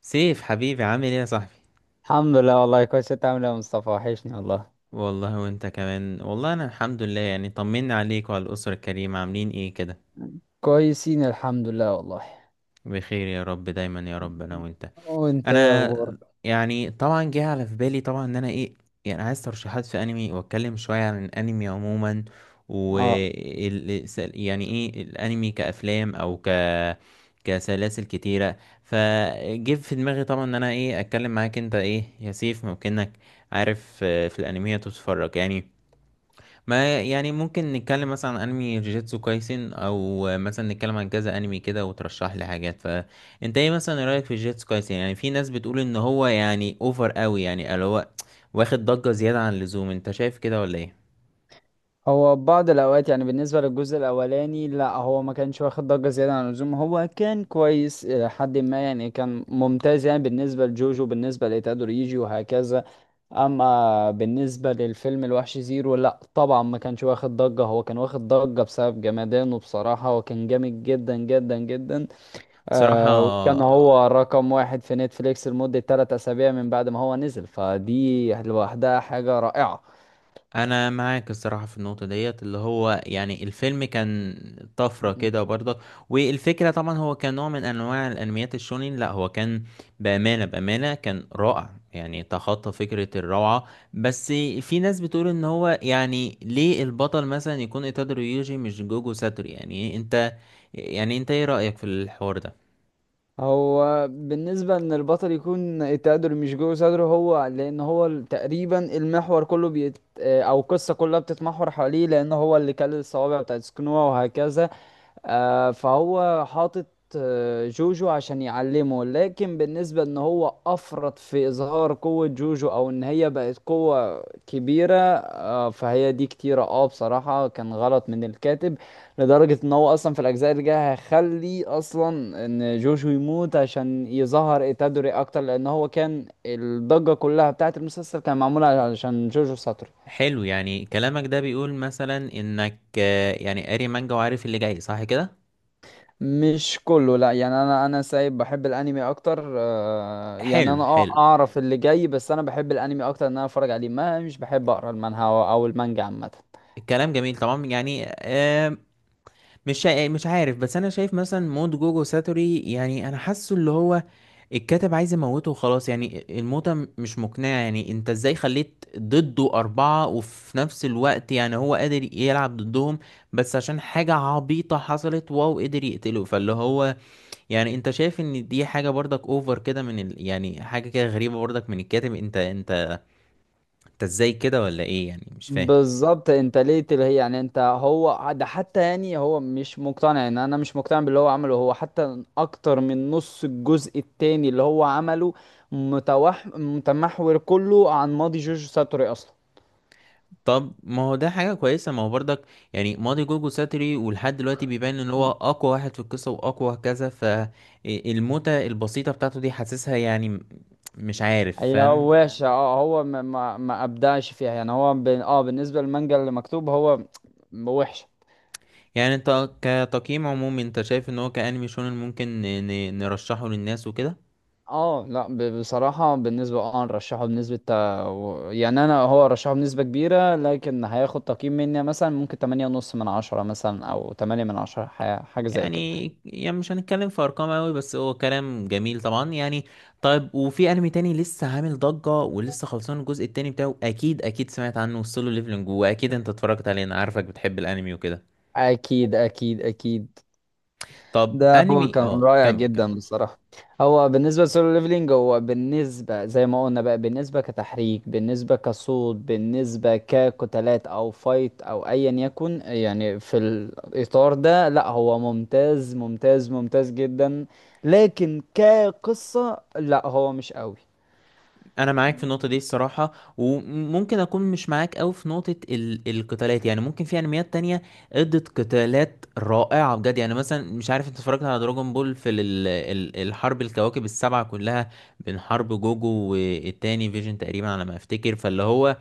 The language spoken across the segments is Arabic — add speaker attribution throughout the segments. Speaker 1: سيف، حبيبي، عامل ايه يا صاحبي؟
Speaker 2: الحمد لله والله كويس. انت عامل ايه يا مصطفى؟ وحشني والله.
Speaker 1: والله وانت كمان والله. انا الحمد لله، يعني طمنا عليك وعلى الاسره الكريمه. عاملين ايه كده؟
Speaker 2: كويسين الحمد لله والله.
Speaker 1: بخير يا رب دايما يا رب، انا وانت.
Speaker 2: وانت ايه
Speaker 1: انا
Speaker 2: اخبارك؟
Speaker 1: يعني طبعا جه على في بالي طبعا ان انا ايه، يعني عايز ترشيحات في انمي واتكلم شويه عن الانمي عموما. و
Speaker 2: اه،
Speaker 1: يعني ايه الانمي كافلام او كسلاسل كتيره. فجه في دماغي طبعا ان انا ايه اتكلم معاك. انت ايه يا سيف، ممكنك عارف في الانميات وتتفرج يعني؟ ما يعني ممكن نتكلم مثلا عن انمي جيجيتسو كايسن، او مثلا نتكلم عن كذا انمي كده وترشح لي حاجات. فانت ايه مثلا، إيه رايك في جيجيتسو كايسن؟ يعني في ناس بتقول ان هو يعني اوفر قوي، يعني اللي هو واخد ضجة زيادة عن اللزوم. انت شايف كده ولا ايه؟
Speaker 2: هو بعض الاوقات يعني بالنسبه للجزء الاولاني لا هو ما كانش واخد ضجه زياده عن اللزوم، هو كان كويس الى حد ما، يعني كان ممتاز يعني بالنسبه لجوجو بالنسبه لتادوريجي وهكذا. اما بالنسبه للفيلم الوحش زيرو لا طبعا ما كانش واخد ضجه، هو كان واخد ضجه بسبب جمدانه بصراحه وكان جامد جدا جدا جدا.
Speaker 1: صراحة
Speaker 2: وكان هو رقم واحد في نتفليكس لمدة 3 أسابيع من بعد ما هو نزل، فدي لوحدها حاجة رائعة.
Speaker 1: انا معاك الصراحه في النقطه ديت، اللي هو يعني الفيلم كان طفره
Speaker 2: مم.
Speaker 1: كده برضه. والفكره طبعا هو كان نوع من انواع الانميات الشونين. لا هو كان بامانه بامانه كان رائع، يعني تخطى فكره الروعه. بس في ناس بتقول ان هو يعني ليه البطل مثلا يكون ايتادوري يوجي مش جوجو ساتورو؟ يعني انت، يعني انت ايه رايك في الحوار ده؟
Speaker 2: هو بالنسبة إن البطل يكون التقدر مش جوه صدره هو، لأن هو تقريبا المحور كله بيت آه، أو القصة كلها بتتمحور حواليه، لأن هو اللي كل الصوابع بتاعت سكنوها وهكذا. فهو حاطط جوجو عشان يعلمه. لكن بالنسبة ان هو افرط في اظهار قوة جوجو او ان هي بقت قوة كبيرة، فهي دي كتيرة بصراحة كان غلط من الكاتب. لدرجة ان هو اصلا في الاجزاء اللي جاية هيخلي اصلا ان جوجو يموت عشان يظهر إيتادوري اكتر، لان هو كان الضجة كلها بتاعت المسلسل كان معمولة علشان جوجو ساتورو.
Speaker 1: حلو، يعني كلامك ده بيقول مثلا انك يعني قاري مانجا وعارف اللي جاي، صح كده؟
Speaker 2: مش كله، لا يعني انا سايب بحب الانمي اكتر. يعني
Speaker 1: حلو
Speaker 2: انا
Speaker 1: حلو،
Speaker 2: اعرف اللي جاي، بس انا بحب الانمي اكتر ان انا اتفرج عليه، ما مش بحب اقرا المانهوا او المانجا عامه.
Speaker 1: الكلام جميل طبعا يعني. آه، مش شا- آه، مش عارف، بس انا شايف مثلا موت جوجو ساتوري، يعني انا حاسه اللي هو الكاتب عايز يموته وخلاص. يعني الموتة مش مقنعة. يعني انت ازاي خليت ضده أربعة وفي نفس الوقت يعني هو قادر يلعب ضدهم، بس عشان حاجة عبيطة حصلت واو قدر يقتله؟ فاللي هو يعني انت شايف ان دي حاجة برضك اوفر كده من يعني حاجة كده غريبة برضك من الكاتب. انت ازاي كده ولا ايه يعني، مش فاهم.
Speaker 2: بالظبط، انت ليه اللي هي يعني انت هو ده حتى، يعني هو مش مقتنع ان انا مش مقتنع باللي هو عمله، هو حتى اكتر من نص الجزء التاني اللي هو عمله متمحور كله عن ماضي جوجو ساتوري اصلا.
Speaker 1: طب ما هو ده حاجة كويسة، ما هو برضك يعني ماضي جوجو ساتري ولحد دلوقتي بيبان ان هو اقوى واحد في القصة واقوى كذا، فالموتة البسيطة بتاعته دي حاسسها يعني مش عارف،
Speaker 2: هي
Speaker 1: فاهم؟
Speaker 2: وحشة، هو ما ابدعش فيها، يعني هو ب... اه بالنسبة للمانجا اللي مكتوب هو وحشة.
Speaker 1: يعني انت كتقييم عمومي انت شايف ان هو كأنمي شونن ممكن نرشحه للناس وكده؟
Speaker 2: اه، لا، بصراحة بالنسبة، نرشحه بنسبة يعني انا هو رشحه بنسبة كبيرة، لكن هياخد تقييم مني مثلا ممكن تمانية ونص من عشرة مثلا، او تمانية من عشرة حاجة زي كده.
Speaker 1: يعني مش هنتكلم في ارقام قوي، بس هو كلام جميل طبعا يعني. طيب، وفي انمي تاني لسه عامل ضجة ولسه خلصان الجزء التاني بتاعه، اكيد اكيد سمعت عنه، سولو ليفلنج، واكيد انت اتفرجت عليه. انا عارفك بتحب الانمي وكده.
Speaker 2: اكيد اكيد اكيد.
Speaker 1: طب
Speaker 2: ده هو
Speaker 1: انمي،
Speaker 2: كان رائع
Speaker 1: كمل كمل.
Speaker 2: جدا بصراحة. هو بالنسبة للسولو ليفلينج، هو بالنسبة زي ما قلنا بقى، بالنسبة كتحريك بالنسبة كصوت بالنسبة كقتالات أو فايت أو أيا يكن، يعني في الإطار ده لا، هو ممتاز ممتاز ممتاز جدا. لكن كقصة لا هو مش
Speaker 1: انا معاك في النقطه دي الصراحه، وممكن اكون مش معاك قوي في نقطه ال القتالات. يعني ممكن في انميات تانية ادت قتالات رائعه بجد. يعني مثلا، مش عارف انت اتفرجت على دراجون بول في ال الحرب الكواكب السبعه كلها بين حرب جوجو والتاني فيجن تقريبا على ما افتكر؟ فاللي هو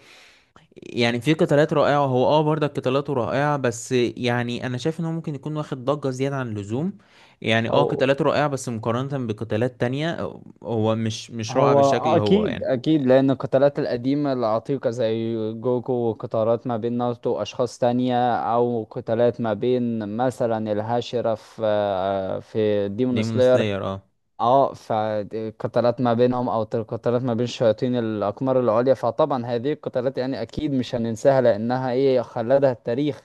Speaker 1: يعني في قتالات رائعه. هو برضه قتالاته رائعه، بس يعني انا شايف ان هو ممكن يكون واخد ضجه زياده عن اللزوم. يعني
Speaker 2: قوي.
Speaker 1: قتالاته رائعه بس مقارنه بقتالات تانية هو مش رائع
Speaker 2: هو
Speaker 1: بالشكل اللي هو
Speaker 2: اكيد
Speaker 1: يعني.
Speaker 2: اكيد، لان القتالات القديمه العتيقه زي جوكو، وقتالات ما بين ناروتو واشخاص تانية، او قتالات ما بين مثلا الهاشرة في ديمون
Speaker 1: ديمون
Speaker 2: سلاير.
Speaker 1: سلاير، اه.
Speaker 2: اه، فالقتالات ما بينهم، او القتالات ما بين شياطين الاقمار العليا، فطبعا هذه القتالات يعني اكيد مش هننساها لانها ايه خلدها التاريخ.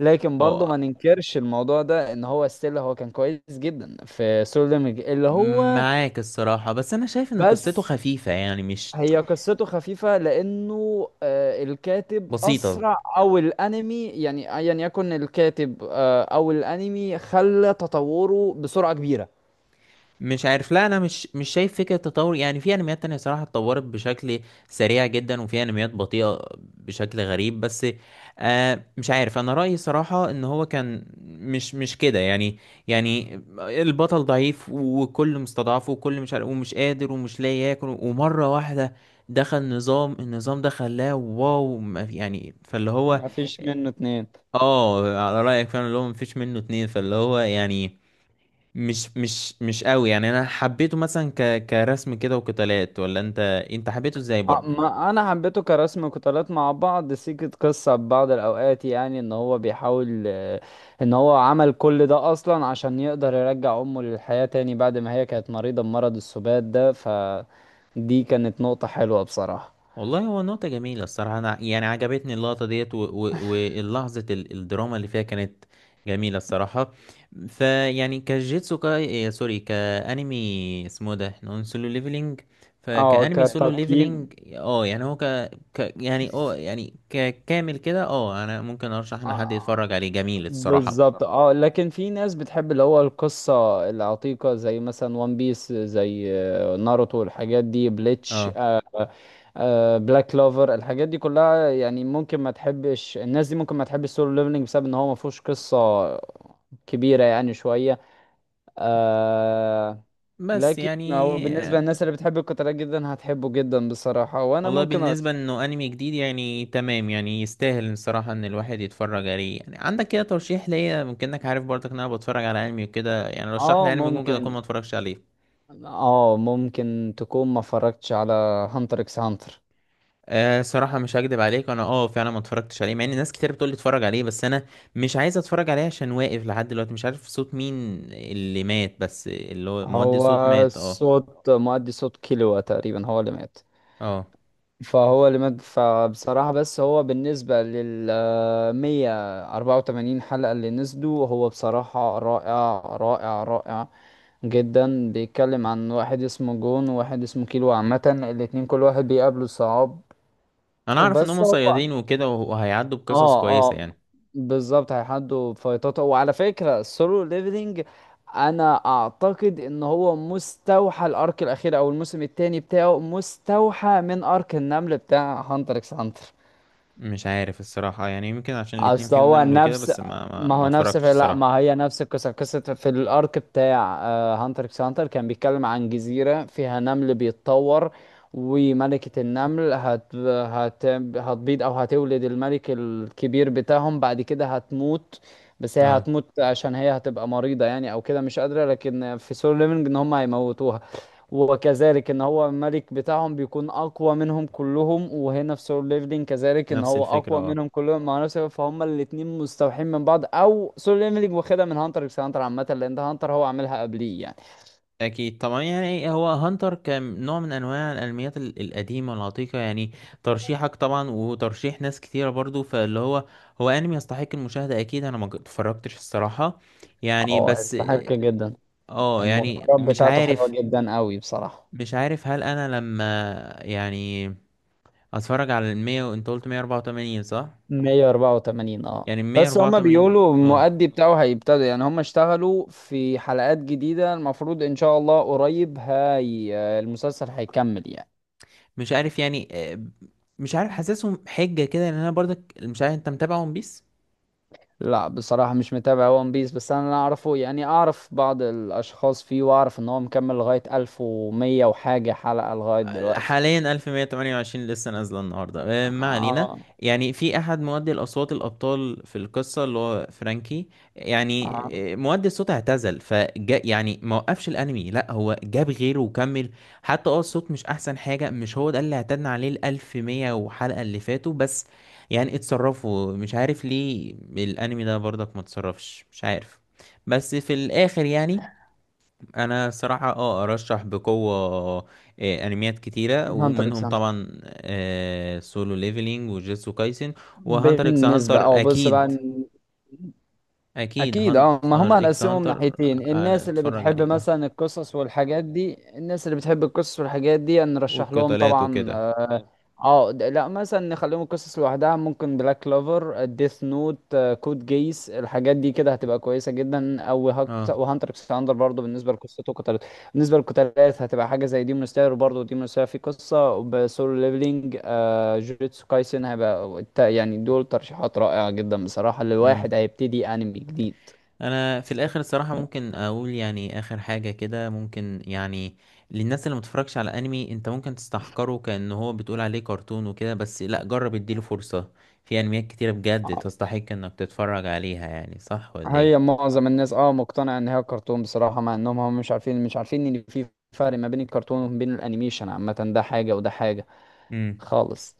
Speaker 2: لكن برضه
Speaker 1: هو
Speaker 2: ما ننكرش الموضوع ده ان هو ستيل هو كان كويس جدا في سولو ليميج اللي هو.
Speaker 1: معاك الصراحة، بس أنا شايف إن قصته
Speaker 2: بس
Speaker 1: خفيفة يعني، مش
Speaker 2: هي قصته خفيفة، لأنه الكاتب
Speaker 1: بسيطة.
Speaker 2: أسرع، أو الأنمي يعني أيا يكن الكاتب، أو الأنمي خلى تطوره بسرعة كبيرة.
Speaker 1: مش عارف، لا انا مش شايف فكره تطور. يعني في انميات تانية صراحه اتطورت بشكل سريع جدا، وفي انميات بطيئه بشكل غريب. بس مش عارف، انا رايي صراحه ان هو كان مش كده يعني. يعني البطل ضعيف وكل مستضعف وكل مش عارف ومش قادر ومش لاقي ياكل، ومره واحده دخل نظام، النظام ده خلاه واو، يعني فاللي هو.
Speaker 2: ما فيش منه اتنين.
Speaker 1: اه، على رايك فعلا اللي هو مفيش منه اتنين. فاللي هو يعني مش قوي. يعني انا حبيته مثلا كرسم كده وقتالات، ولا انت، انت حبيته ازاي برضو يعني؟
Speaker 2: ما أنا حبيته كرسم قتالات مع بعض، سيكة قصة ببعض الأوقات، يعني إن هو بيحاول، إن هو عمل كل ده أصلا عشان يقدر يرجع أمه للحياة تاني بعد ما هي كانت مريضة بمرض السبات ده، فدي كانت نقطة حلوة بصراحة.
Speaker 1: والله هو نقطة جميلة الصراحة. أنا يعني عجبتني اللقطة ديت، واللحظة الدراما اللي فيها كانت جميلة الصراحة. فيعني كجيتسو كاي سوري، كأنمي اسمه ده احنا قلنا سولو ليفلينج.
Speaker 2: اه
Speaker 1: فكأنمي
Speaker 2: تمام،
Speaker 1: سولو
Speaker 2: كتقييم.
Speaker 1: ليفلينج، يعني هو ك, ك يعني يعني ككامل كده أنا ممكن أرشح إن حد
Speaker 2: آه،
Speaker 1: يتفرج عليه، جميل الصراحة.
Speaker 2: بالظبط. اه، لكن في ناس بتحب اللي هو القصة العتيقة زي مثلا وان بيس، زي ناروتو، الحاجات دي، بليتش،
Speaker 1: اه،
Speaker 2: بلاك كلوفر، الحاجات دي كلها، يعني ممكن ما تحبش، الناس دي ممكن ما تحبش سولو ليفلنج بسبب ان هو ما فيهوش قصة كبيرة يعني شوية. آه
Speaker 1: بس
Speaker 2: لكن
Speaker 1: يعني
Speaker 2: هو بالنسبة للناس اللي بتحب القتالات جدا هتحبه جدا بصراحة، وانا
Speaker 1: والله
Speaker 2: ممكن أرشح.
Speaker 1: بالنسبة انه انمي جديد، يعني تمام، يعني يستاهل الصراحة ان الواحد يتفرج عليه. يعني عندك كده ترشيح ليا؟ ممكن انك عارف برضك ان انا بتفرج على انمي وكده، يعني رشح
Speaker 2: اه،
Speaker 1: لي انمي ممكن اكون
Speaker 2: ممكن.
Speaker 1: ما اتفرجش عليه.
Speaker 2: اه، ممكن تكون ما اتفرجتش على هانتر اكس هانتر.
Speaker 1: أه، صراحة مش هكدب عليك، انا فعلا ما اتفرجتش عليه. مع ان ناس كتير بتقول لي اتفرج عليه، بس انا مش عايز اتفرج عليه عشان واقف لحد دلوقتي مش عارف صوت مين اللي مات، بس اللي هو مودي صوت
Speaker 2: هو
Speaker 1: مات، اه.
Speaker 2: صوت مؤدي صوت كيلوا تقريبا هو اللي مات.
Speaker 1: اه،
Speaker 2: فهو اللي مات، فبصراحة بس هو بالنسبة لل 184 حلقة اللي نزلوا هو بصراحة رائع رائع رائع جدا. بيتكلم عن واحد اسمه جون وواحد اسمه كيلو عامة، الاتنين كل واحد بيقابله صعاب
Speaker 1: انا اعرف ان
Speaker 2: وبس.
Speaker 1: هم
Speaker 2: هو
Speaker 1: صيادين وكده وهيعدوا بقصص
Speaker 2: اه
Speaker 1: كويسة
Speaker 2: اه
Speaker 1: يعني.
Speaker 2: بالظبط هيحدوا فايتات. وعلى فكرة السولو ليفلينج انا اعتقد ان هو مستوحى، الارك الاخير او الموسم الثاني بتاعه مستوحى من ارك النمل بتاع هانتر اكس هانتر.
Speaker 1: مش عارف الصراحة، يعني يمكن عشان الاتنين
Speaker 2: اصل
Speaker 1: فيهم
Speaker 2: هو
Speaker 1: نملوا كده،
Speaker 2: نفس،
Speaker 1: بس ما ما,
Speaker 2: ما
Speaker 1: ما
Speaker 2: هو نفس
Speaker 1: اتفرجتش
Speaker 2: في، لا
Speaker 1: الصراحة.
Speaker 2: ما هي نفس القصة، قصة في الارك بتاع هانتر اكس هانتر كان بيتكلم عن جزيرة فيها نمل بيتطور، وملكة النمل هتبيض او هتولد الملك الكبير بتاعهم بعد كده هتموت. بس هي
Speaker 1: اه،
Speaker 2: هتموت عشان هي هتبقى مريضة يعني او كده مش قادرة، لكن في سولو ليفنج ان هم هيموتوها. وكذلك ان هو الملك بتاعهم بيكون اقوى منهم كلهم، وهنا في سول ليفلين كذلك ان
Speaker 1: نفس
Speaker 2: هو
Speaker 1: الفكرة،
Speaker 2: اقوى
Speaker 1: اه.
Speaker 2: منهم كلهم مع نفسه، فهم الاتنين مستوحين من بعض. او سول ليفلين واخدها من هانتر اكس هانتر عامه لان ده هانتر هو عاملها قبليه يعني.
Speaker 1: أكيد طبعا يعني هو هانتر كنوع من أنواع الأنميات القديمة العتيقة يعني. ترشيحك طبعا، وترشيح ناس كتيرة برضو، فاللي هو، هو أنمي يستحق المشاهدة أكيد. أنا ما ج- اتفرجتش الصراحة يعني.
Speaker 2: اه
Speaker 1: بس
Speaker 2: يستحق جدا،
Speaker 1: اه يعني
Speaker 2: المغامرات
Speaker 1: مش
Speaker 2: بتاعته حلوه
Speaker 1: عارف،
Speaker 2: جدا قوي بصراحه.
Speaker 1: هل أنا لما يعني أتفرج على المية، وأنت قلت مية أربعة وتمانين، صح؟
Speaker 2: 184،
Speaker 1: يعني
Speaker 2: اه
Speaker 1: مية
Speaker 2: بس
Speaker 1: أربعة
Speaker 2: هما
Speaker 1: وتمانين،
Speaker 2: بيقولوا
Speaker 1: اه.
Speaker 2: المؤدي بتاعه هيبتدوا، يعني هما اشتغلوا في حلقات جديدة، المفروض ان شاء الله قريب هاي المسلسل هيكمل يعني.
Speaker 1: مش عارف يعني، مش عارف، حاسسهم حجة كده، لان انا برضك مش عارف. انت متابع ون بيس؟
Speaker 2: لا بصراحة مش متابع ون بيس، بس أنا اللي أعرفه يعني أعرف بعض الأشخاص فيه، وأعرف إن هو مكمل لغاية ألف ومية وحاجة حلقة لغاية دلوقتي.
Speaker 1: حاليا 1128 لسه نازلة النهاردة. ما علينا.
Speaker 2: آه.
Speaker 1: يعني في أحد مؤدي الأصوات الأبطال في القصة اللي هو فرانكي يعني،
Speaker 2: آه،
Speaker 1: مؤدي الصوت اعتزل فجا. يعني ما وقفش الأنمي، لا هو جاب غيره وكمل. حتى الصوت مش أحسن حاجة، مش هو ده اللي اعتدنا عليه الألف مية وحلقة اللي فاتوا، بس يعني اتصرفوا. مش عارف ليه الأنمي ده برضك ما اتصرفش، مش عارف. بس في الآخر يعني انا صراحة ارشح بقوة انميات كتيرة،
Speaker 2: هانتر إكس
Speaker 1: ومنهم
Speaker 2: هانتر.
Speaker 1: طبعا سولو ليفلينج وجيتسو كايسن وهانتر اكس
Speaker 2: بالنسبة
Speaker 1: هانتر
Speaker 2: أه بص بقى.
Speaker 1: اكيد. اكيد
Speaker 2: اكيد اه، ما هم
Speaker 1: هانتر اكس
Speaker 2: هنقسمهم
Speaker 1: هانتر،
Speaker 2: ناحيتين،
Speaker 1: انا
Speaker 2: الناس اللي
Speaker 1: اتفرج
Speaker 2: بتحب
Speaker 1: عليه، اه،
Speaker 2: مثلا القصص والحاجات دي، الناس اللي بتحب القصص والحاجات دي نرشح لهم
Speaker 1: والقتالات
Speaker 2: طبعا
Speaker 1: وكده.
Speaker 2: اه. لا مثلا نخليهم القصص لوحدها ممكن بلاك كلوفر ديث نوت كود جيس الحاجات دي كده هتبقى كويسة جدا، وهانتر اكس هانتر برضه بالنسبة لقصته كانت. بالنسبة للقتالات هتبقى حاجة زي ديمون سلاير، وبرضه ديمون سلاير فيه قصة، وبسولو ليفلينج جوجيتسو كايسن هيبقى يعني دول ترشيحات رائعة جدا بصراحة
Speaker 1: اه،
Speaker 2: لواحد هيبتدي أنمي جديد.
Speaker 1: انا في الاخر الصراحه ممكن اقول يعني اخر حاجه كده، ممكن يعني للناس اللي متفرجش على انمي، انت ممكن تستحقره كأن هو بتقول عليه كرتون وكده، بس لا، جرب اديله فرصه. في انميات كتيره بجد
Speaker 2: آه،
Speaker 1: تستحق انك تتفرج عليها، يعني صح ولا
Speaker 2: هي
Speaker 1: ايه؟
Speaker 2: معظم الناس مقتنعة ان هي كرتون بصراحة، مع انهم هم مش عارفين ان في فرق ما بين الكرتون وما بين الانيميشن عامة، ده حاجة وده حاجة
Speaker 1: امم.
Speaker 2: خالص.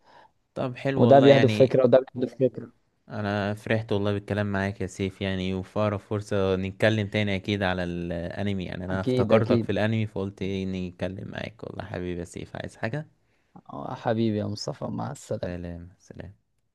Speaker 1: طب حلو
Speaker 2: وده
Speaker 1: والله
Speaker 2: بيهدف
Speaker 1: يعني،
Speaker 2: فكرة وده بيهدف فكرة.
Speaker 1: انا فرحت والله بالكلام معاك يا سيف. يعني وفي اقرب فرصه نتكلم تاني اكيد على الانمي. يعني انا
Speaker 2: اكيد
Speaker 1: افتكرتك في
Speaker 2: اكيد.
Speaker 1: الانمي فقلت اني اتكلم معاك، والله. حبيبي يا سيف، عايز حاجه؟
Speaker 2: حبيبي يا مصطفى، مع السلامة.
Speaker 1: سلام سلام.